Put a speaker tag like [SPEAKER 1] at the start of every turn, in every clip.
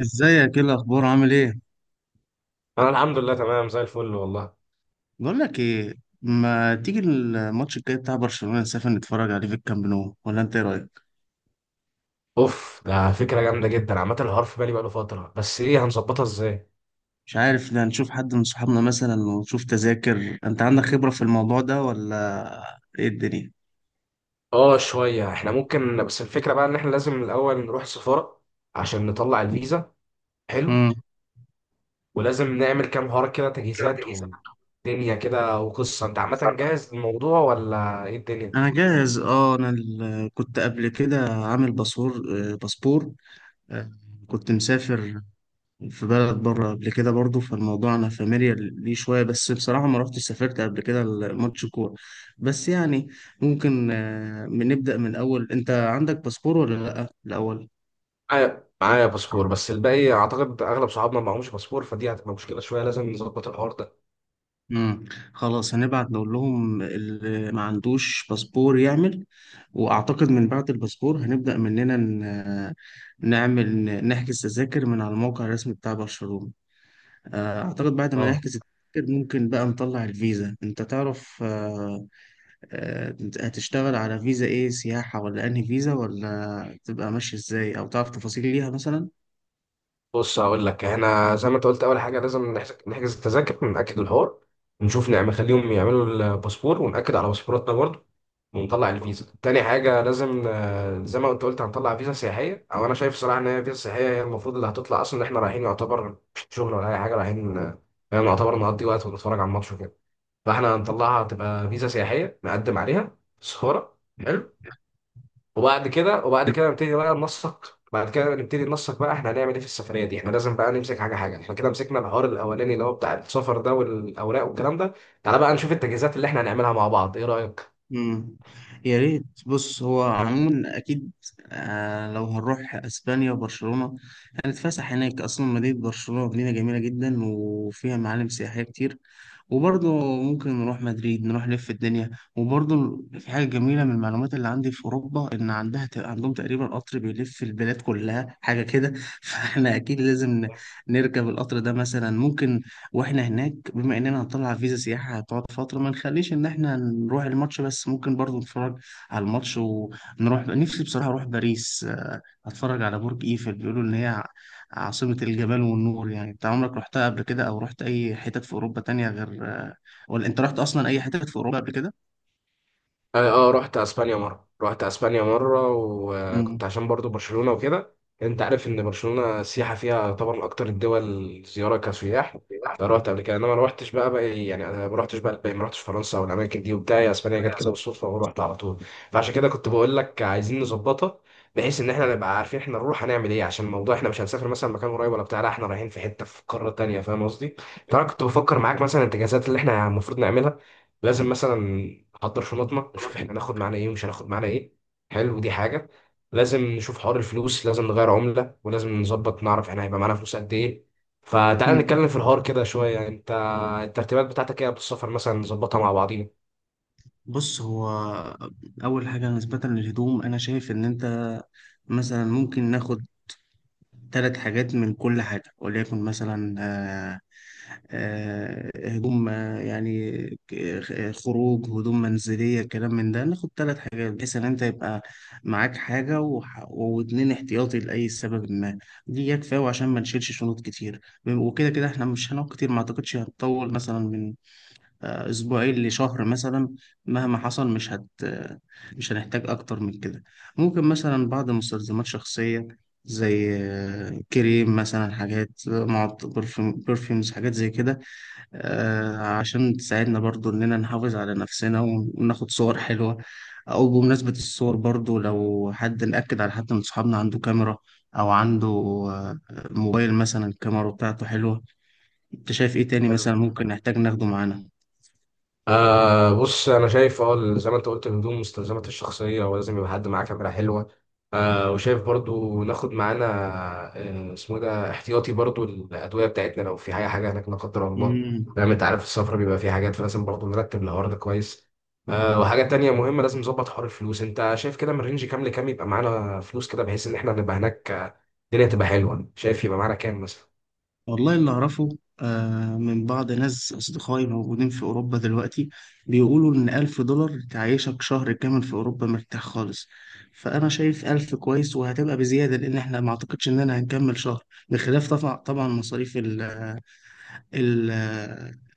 [SPEAKER 1] ازيك، ايه الاخبار، عامل ايه؟
[SPEAKER 2] انا الحمد لله تمام زي الفل والله.
[SPEAKER 1] بقول لك ايه. ما تيجي الماتش الجاي بتاع برشلونة نسافر نتفرج عليه في الكامب نو، ولا انت ايه رايك؟
[SPEAKER 2] اوف، ده فكره جامده جدا. عامه الحوار في بالي بقاله فتره، بس ايه هنظبطها ازاي؟
[SPEAKER 1] مش عارف، ده نشوف حد من صحابنا مثلا ونشوف تذاكر. انت عندك خبرة في الموضوع ده ولا ايه الدنيا؟
[SPEAKER 2] اه شويه. احنا ممكن، بس الفكره بقى ان احنا لازم الاول نروح السفاره عشان نطلع الفيزا. حلو،
[SPEAKER 1] امم
[SPEAKER 2] ولازم نعمل كام حوار كده، تجهيزات ودنيا كده وقصه. انت عامه جاهز للموضوع ولا ايه الدنيا؟
[SPEAKER 1] انا جاهز كنت قبل كده عامل باسور. باسبور. آه، كنت مسافر في بلد بره قبل كده برضو، فالموضوع انا فاميليار ليه شويه، بس بصراحه ما رحتش سافرت قبل كده ماتش كوره، بس يعني ممكن نبدا من الاول. انت عندك باسبور ولا لا الاول؟
[SPEAKER 2] معايا باسبور، بس الباقي اعتقد اغلب صحابنا معهمش باسبور، فدي هتبقى مشكله شويه، لازم نظبط الحوار ده.
[SPEAKER 1] امم خلاص، هنبعت نقول لهم اللي ما عندوش باسبور يعمل. واعتقد من بعد الباسبور هنبدا مننا نعمل نحجز تذاكر من على الموقع الرسمي بتاع برشلونه. اعتقد بعد ما
[SPEAKER 2] اه،
[SPEAKER 1] نحجز التذاكر ممكن بقى نطلع الفيزا. انت تعرف آه، هتشتغل على فيزا ايه، سياحة ولا انهي فيزا، ولا تبقى ماشي ازاي، او تعرف تفاصيل ليها مثلا؟
[SPEAKER 2] بص هقول لك، احنا زي ما انت قلت، اول حاجه لازم نحجز التذاكر ونأكد الحوار، ونشوف نعمل نخليهم يعملوا الباسبور ونأكد على باسبوراتنا برضه. ونطلع الفيزا تاني حاجه. لازم زي ما انت قلت هنطلع فيزا سياحيه. او انا شايف صراحه ان هي فيزا سياحيه هي المفروض اللي هتطلع اصلا، ان احنا رايحين يعتبر مش شغل ولا اي حاجه، رايحين يعني يعتبر نقضي وقت ونتفرج على الماتش وكده. فاحنا هنطلعها تبقى فيزا سياحيه نقدم عليها صورة. وبعد كده، وبعد كده نبتدي بقى ننسق بعد كده نبتدي ننسق بقى احنا هنعمل ايه في السفريه دي. احنا لازم بقى نمسك حاجه حاجه. احنا كده مسكنا الحوار الاولاني اللي هو بتاع السفر ده والاوراق والكلام ده. تعالى بقى نشوف التجهيزات اللي احنا هنعملها مع بعض، ايه رايك؟
[SPEAKER 1] مم. يا ريت. بص، هو عموما اكيد لو هنروح اسبانيا وبرشلونه هنتفسح هناك. اصلا مدينه برشلونه مدينه جميله جدا وفيها معالم سياحيه كتير. وبرضه ممكن نروح مدريد، نروح نلف الدنيا. وبرضه في حاجه جميله من المعلومات اللي عندي في اوروبا، ان عندها عندهم تقريبا قطر بيلف البلاد كلها، حاجه كده فاحنا اكيد لازم نركب القطر ده مثلا ممكن. واحنا هناك، بما اننا هنطلع فيزا سياحة هتقعد فترة، ما نخليش ان احنا نروح الماتش بس، ممكن برضو نتفرج على الماتش ونروح. نفسي بصراحة اروح باريس، اتفرج على برج ايفل. بيقولوا ان هي عاصمة الجمال والنور. يعني انت عمرك رحتها قبل كده، او رحت اي حتت في اوروبا تانية غير، ولا انت رحت اصلا اي حتت في اوروبا قبل كده؟
[SPEAKER 2] اه رحت اسبانيا مره،
[SPEAKER 1] مم.
[SPEAKER 2] وكنت عشان برضو برشلونه وكده. انت عارف ان برشلونه السياحه فيها طبعا اكتر الدول زياره كسياح، فرحت قبل كده. انما ما رحتش بقى يعني، انا ما رحتش بقى الباقي، ما رحتش فرنسا والاماكن دي وبتاع. هي اسبانيا جت كده بالصدفه ورحت على طول. فعشان كده كنت بقول لك عايزين نظبطها، بحيث ان احنا نبقى عارفين احنا نروح هنعمل ايه. عشان الموضوع احنا مش هنسافر مثلا مكان قريب ولا بتاع، لا احنا رايحين في حته في قاره تانيه، فاهم قصدي؟ فانا كنت بفكر معاك مثلا الاتجاهات اللي احنا المفروض نعملها. لازم مثلا نحضر شنطنا، نشوف احنا هناخد معانا ايه ومش هناخد معانا ايه، حلو دي حاجه. لازم نشوف حوار الفلوس، لازم نغير عمله، ولازم نظبط نعرف احنا هيبقى معانا فلوس قد ايه. فتعالى
[SPEAKER 1] مم.
[SPEAKER 2] نتكلم في الحوار كده شويه. انت الترتيبات بتاعتك ايه قبل السفر، مثلا نظبطها مع بعضينا.
[SPEAKER 1] بص، هو أول حاجة نسبة للهدوم أنا شايف إن أنت مثلا ممكن ناخد ثلاث حاجات من كل حاجة، وليكن مثلا هدوم يعني ك- خروج، هدوم منزلية، كلام من ده، ناخد ثلاث حاجات، بحيث إن أنت يبقى معاك حاجة واتنين احتياطي لأي سبب ما. دي كفاية، وعشان ما نشيلش شنط كتير. وكده كده إحنا مش هنقعد كتير، ما أعتقدش هنطول مثلا من اسبوعين لشهر مثلا. مهما حصل مش هنحتاج اكتر من كده. ممكن مثلا بعض مستلزمات شخصية زي كريم مثلا، حاجات برفيومز، حاجات زي كده، عشان تساعدنا برضو اننا نحافظ على نفسنا وناخد صور حلوة. او بمناسبة الصور، برضو لو حد، نأكد على حد من صحابنا عنده كاميرا او عنده موبايل مثلا الكاميرا بتاعته حلوة. انت شايف ايه تاني
[SPEAKER 2] حلو.
[SPEAKER 1] مثلا ممكن نحتاج ناخده معانا؟
[SPEAKER 2] آه بص، انا شايف اه زي ما انت قلت، الهدوم، مستلزمات الشخصيه، ولازم يبقى حد معاه كاميرا حلوه. آه، وشايف برضو ناخد معانا آه اسمه إيه ده، احتياطي برضو الادويه بتاعتنا لو في حاجه هناك لا قدر الله.
[SPEAKER 1] مم.
[SPEAKER 2] فاهم، انت عارف السفر بيبقى فيه حاجات، فلازم برضو نرتب الحوار ده كويس. آه، وحاجه تانية مهمه، لازم نظبط حوار الفلوس. انت شايف كده من رينج كام لكام يبقى معانا فلوس كده، بحيث ان احنا نبقى هناك الدنيا تبقى حلوه؟ شايف يبقى معانا كام مثلا؟
[SPEAKER 1] والله اللي أعرفه من بعض ناس أصدقائي موجودين في أوروبا دلوقتي، بيقولوا إن 1000 دولار تعيشك شهر كامل في أوروبا مرتاح خالص. فأنا شايف 1000 كويس، وهتبقى بزيادة، لأن إحنا ما أعتقدش إننا هنكمل شهر، بخلاف طبعا طبعا مصاريف ال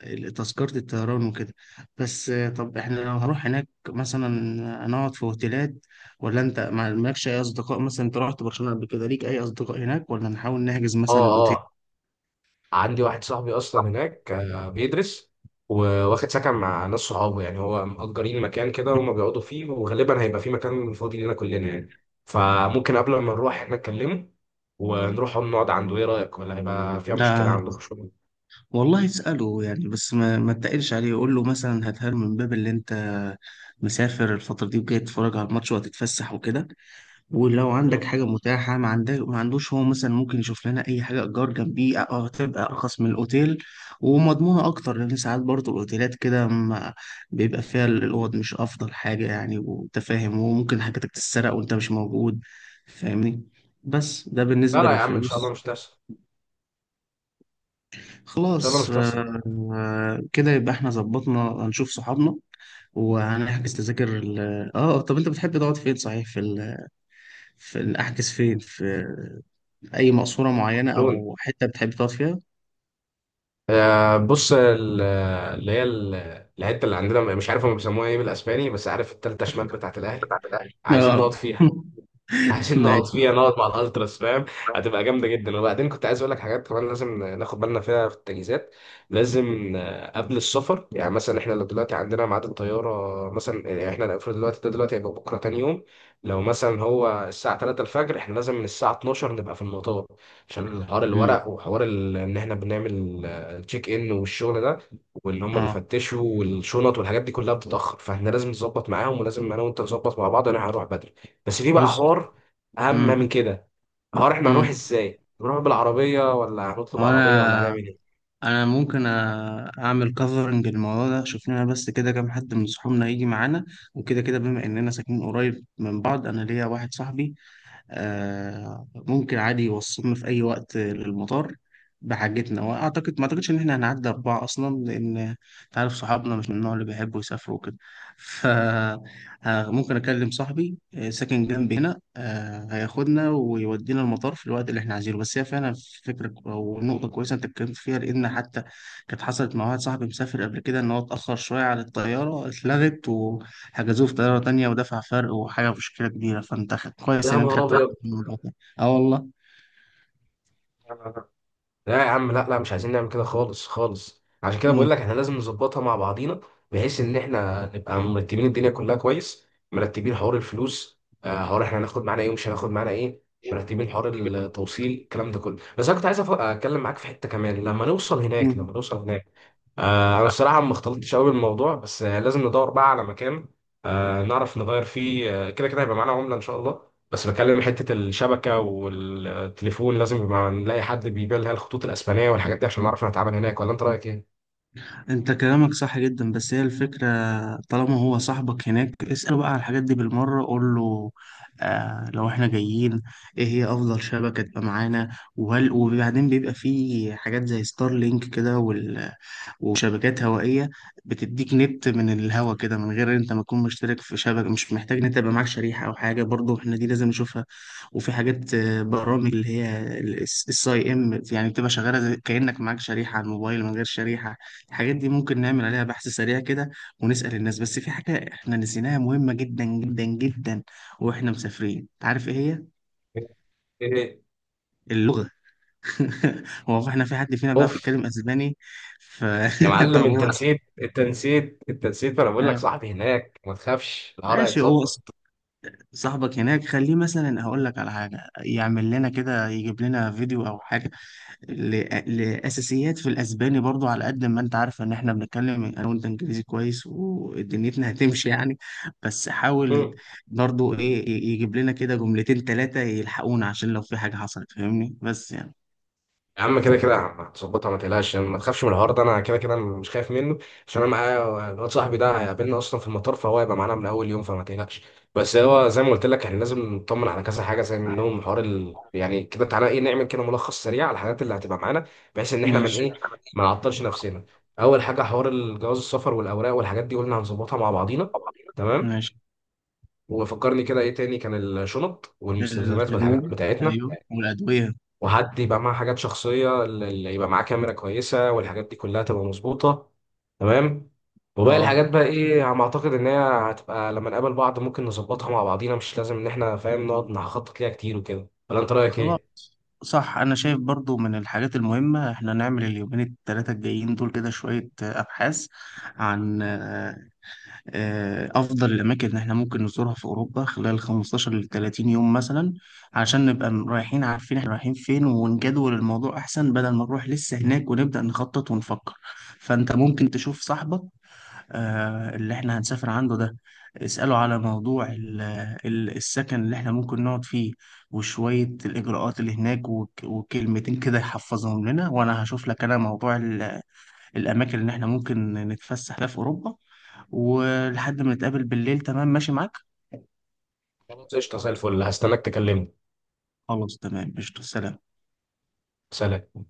[SPEAKER 1] ال تذكرة الطيران وكده. بس طب إحنا لو هنروح هناك مثلا هنقعد في أوتيلات، ولا أنت مالكش أي أصدقاء؟ مثلا أنت رحت برشلونة قبل كده، ليك أي أصدقاء هناك، ولا نحاول نحجز
[SPEAKER 2] اه
[SPEAKER 1] مثلا أوتيل؟
[SPEAKER 2] اه عندي واحد صاحبي اصلا هناك بيدرس، وواخد سكن مع ناس صحابه، يعني هو مأجرين مكان كده وهم بيقعدوا فيه، وغالبا هيبقى في مكان فاضي لنا كلنا يعني. فممكن قبل ما نروح احنا نكلمه ونروح هم نقعد عنده، ايه رأيك؟ ولا هيبقى فيها مشكلة
[SPEAKER 1] ده
[SPEAKER 2] عندكم شغل؟
[SPEAKER 1] والله اسأله يعني، بس ما تقلش عليه. قول له مثلا، هاتها له من باب اللي انت مسافر الفترة دي وجاي تتفرج على الماتش وهتتفسح وكده. ولو
[SPEAKER 2] مم.
[SPEAKER 1] عندك حاجة متاحة، ما عندك ما عندوش، هو مثلا ممكن يشوف لنا أي حاجة إيجار جنبيه، أه، هتبقى أرخص من الأوتيل ومضمونة أكتر، لأن ساعات برضه الأوتيلات كده بيبقى فيها الأوض مش أفضل حاجة يعني، وأنت فاهم، وممكن حاجتك تتسرق وأنت مش موجود، فاهمني. بس ده
[SPEAKER 2] لا
[SPEAKER 1] بالنسبة
[SPEAKER 2] لا يا عم، ان شاء الله
[SPEAKER 1] للفلوس.
[SPEAKER 2] مش تحصل، ان شاء الله
[SPEAKER 1] خلاص
[SPEAKER 2] مش تحصل.
[SPEAKER 1] كده يبقى احنا ظبطنا. هنشوف صحابنا وهنحجز تذاكر ال... اه آه، طب انت بتحب تقعد فين صحيح، احجز فين، في اي مقصورة معينة
[SPEAKER 2] لون،
[SPEAKER 1] او حتة بتحب تقعد فيها؟
[SPEAKER 2] بص اللي هي الحته اللي عندنا مش عارف هم بيسموها ايه بالاسباني، بس عارف التالتة شمال بتاعت الاهلي، عايزين
[SPEAKER 1] اه
[SPEAKER 2] نقعد فيها عشان نقعد
[SPEAKER 1] ماشي.
[SPEAKER 2] فيها، نقعد مع الالتراس فاهم. هتبقى جامده جدا. وبعدين كنت عايز اقول لك حاجات كمان لازم ناخد بالنا فيها في التجهيزات. لازم قبل السفر، يعني مثلا احنا لو دلوقتي عندنا ميعاد الطياره مثلا، يعني احنا المفروض دلوقتي ده، دلوقتي هيبقى بكره تاني يوم، لو مثلا هو الساعه 3 الفجر، احنا لازم من الساعه 12 نبقى في المطار، عشان حوار
[SPEAKER 1] مم.
[SPEAKER 2] الورق وحوار ان احنا بنعمل تشيك ان والشغل ده، واللي هم
[SPEAKER 1] اه،
[SPEAKER 2] بيفتشوا والشنط والحاجات دي كلها بتتاخر. فاحنا لازم نظبط معاهم، ولازم انا وانت نظبط مع بعض، انا هروح بدري. بس في بقى
[SPEAKER 1] بص.
[SPEAKER 2] حوار اهم من
[SPEAKER 1] مم.
[SPEAKER 2] كده، هو احنا هنروح
[SPEAKER 1] مم.
[SPEAKER 2] ازاي؟ نروح بالعربيه ولا هنطلب
[SPEAKER 1] هو
[SPEAKER 2] عربيه ولا هنعمل
[SPEAKER 1] انا
[SPEAKER 2] ايه؟
[SPEAKER 1] انا ممكن اعمل كفرنج الموضوع ده. شوف لنا بس كده كام حد من صحابنا يجي معانا. وكده كده بما اننا ساكنين قريب من بعض، انا ليا واحد صاحبي ممكن عادي يوصلنا في أي وقت للمطار بحاجتنا. وأعتقد ما أعتقدش إن إحنا هنعدي أربعة أصلا، لأن أنت عارف صحابنا مش من النوع اللي بيحبوا يسافروا وكده. فممكن أكلم صاحبي ساكن جنبي هنا، هياخدنا ويودينا المطار في الوقت اللي إحنا عايزينه. بس هي فعلا فكرة كو- أو نقطة كويسة أنت اتكلمت فيها، لأن حتى كانت حصلت مع واحد صاحبي مسافر قبل كده إن هو اتأخر شوية على الطيارة، اتلغت، حجزوه في طيارة تانية ودفع فرق وحاجة، مشكلة كبيرة. فأنت كويس
[SPEAKER 2] يا
[SPEAKER 1] إن أنت
[SPEAKER 2] نهار
[SPEAKER 1] خدت لا بالك
[SPEAKER 2] ابيض.
[SPEAKER 1] من الموضوع ده. أه والله.
[SPEAKER 2] لا لا لا. لا يا عم، لا لا، مش عايزين نعمل كده خالص خالص. عشان كده
[SPEAKER 1] مم.
[SPEAKER 2] بقول لك احنا لازم نظبطها مع بعضينا، بحيث ان احنا نبقى مرتبين الدنيا كلها كويس، مرتبين حوار الفلوس، حوار احنا هناخد معانا ايه ومش هناخد معانا ايه، مرتبين حوار التوصيل، الكلام ده كله. بس انا كنت عايز اتكلم معاك في حته كمان لما نوصل هناك.
[SPEAKER 1] مم.
[SPEAKER 2] انا الصراحه ما اختلطتش قوي بالموضوع، بس لازم ندور بقى على مكان نعرف نغير فيه، آه، كده كده هيبقى معانا عمله ان شاء الله. بس بكلم حته الشبكه والتليفون، لازم يبقى نلاقي حد بيبيع لها الخطوط الاسبانيه والحاجات دي عشان نعرف نتعامل هناك، ولا انت رايك ايه؟
[SPEAKER 1] أنت كلامك صح جدا. بس هي الفكرة، طالما هو صاحبك هناك اسأله بقى على الحاجات دي بالمرة. قول له آه لو إحنا جايين، إيه هي أفضل شبكة تبقى معانا؟ وهل، وبعدين بيبقى فيه حاجات زي ستار لينك كده وشبكات هوائية بتديك نت من الهوا كده من غير انت ما تكون مشترك في شبكة. مش محتاج نت، يبقى معاك شريحة او حاجة برضو، احنا دي لازم نشوفها. وفي حاجات برامج اللي هي الساي ام، يعني بتبقى شغالة كأنك معاك شريحة على الموبايل من غير شريحة. الحاجات دي ممكن نعمل عليها بحث سريع كده ونسأل الناس. بس في حاجة احنا نسيناها مهمة جدا جدا جدا واحنا مسافرين، عارف ايه هي؟
[SPEAKER 2] ايه؟
[SPEAKER 1] اللغة. هو احنا في حد فينا بيعرف
[SPEAKER 2] اوف،
[SPEAKER 1] يتكلم اسباني؟ ف
[SPEAKER 2] يا معلم
[SPEAKER 1] طب
[SPEAKER 2] انت
[SPEAKER 1] هو
[SPEAKER 2] نسيت انت نسيت انت نسيت، ما انا بقول لك
[SPEAKER 1] آه،
[SPEAKER 2] صاحبي هناك، ما تخافش، العرق
[SPEAKER 1] ماشي. هو
[SPEAKER 2] هيتظبط.
[SPEAKER 1] صاحبك هناك خليه مثلا، هقول لك على حاجه، يعمل لنا كده، يجيب لنا فيديو او حاجه لاساسيات في الاسباني، برضو على قد ما انت عارف ان احنا بنتكلم انا وانت انجليزي كويس ودنيتنا هتمشي يعني. بس حاول برضو ايه يجيب لنا كده جملتين ثلاثه يلحقونا عشان لو في حاجه حصلت، فاهمني، بس يعني
[SPEAKER 2] يا عم كده كده هتظبطها، ما تقلقش ما تخافش من الحوار ده، انا كده كده مش خايف منه. عشان انا معايا الواد صاحبي ده، هيقابلنا اصلا في المطار، فهو هيبقى معانا من اول يوم، فما تقلقش. بس هو زي ما قلت لك، احنا لازم نطمن على كذا حاجه، زي منهم حوار يعني كده، تعالى ايه نعمل كده ملخص سريع على الحاجات اللي هتبقى معانا، بحيث ان احنا من
[SPEAKER 1] ماشي
[SPEAKER 2] ايه ما نعطلش نفسنا. اول حاجه حوار الجواز السفر والاوراق والحاجات دي قلنا هنظبطها مع بعضينا، تمام.
[SPEAKER 1] ماشي.
[SPEAKER 2] وفكرني كده ايه تاني كان، الشنط والمستلزمات والحاجات
[SPEAKER 1] الهدوم،
[SPEAKER 2] بتاعتنا،
[SPEAKER 1] ايوه، والادويه.
[SPEAKER 2] وحد يبقى معاه حاجات شخصية، اللي يبقى معاه كاميرا كويسة، والحاجات دي كلها تبقى مظبوطة، تمام. وباقي
[SPEAKER 1] اه
[SPEAKER 2] الحاجات بقى ايه على ما اعتقد ان هي هتبقى لما نقابل بعض، ممكن نظبطها مع بعضينا، مش لازم ان احنا فاهم نقعد نخطط ليها كتير وكده، ولا انت رأيك
[SPEAKER 1] خلاص.
[SPEAKER 2] ايه؟
[SPEAKER 1] صح، انا شايف برضو من الحاجات المهمة احنا نعمل اليومين التلاتة الجايين دول كده شوية ابحاث عن افضل الاماكن اللي احنا ممكن نزورها في اوروبا خلال 15 ل 30 يوم مثلا، عشان نبقى رايحين عارفين احنا رايحين فين ونجدول الموضوع احسن، بدل ما نروح لسه هناك ونبدأ نخطط ونفكر. فانت ممكن تشوف صاحبك اللي احنا هنسافر عنده ده، اسأله على موضوع السكن اللي احنا ممكن نقعد فيه، وشوية الإجراءات اللي هناك، وكلمتين كده يحفظهم لنا. وأنا هشوف لك أنا موضوع الأماكن اللي احنا ممكن نتفسح فيها في أوروبا، ولحد ما نتقابل بالليل. تمام، ماشي معاك؟
[SPEAKER 2] خلاص قشطة زي الفل، هستناك تكلمني.
[SPEAKER 1] خلاص تمام قشطة، سلام.
[SPEAKER 2] سلام.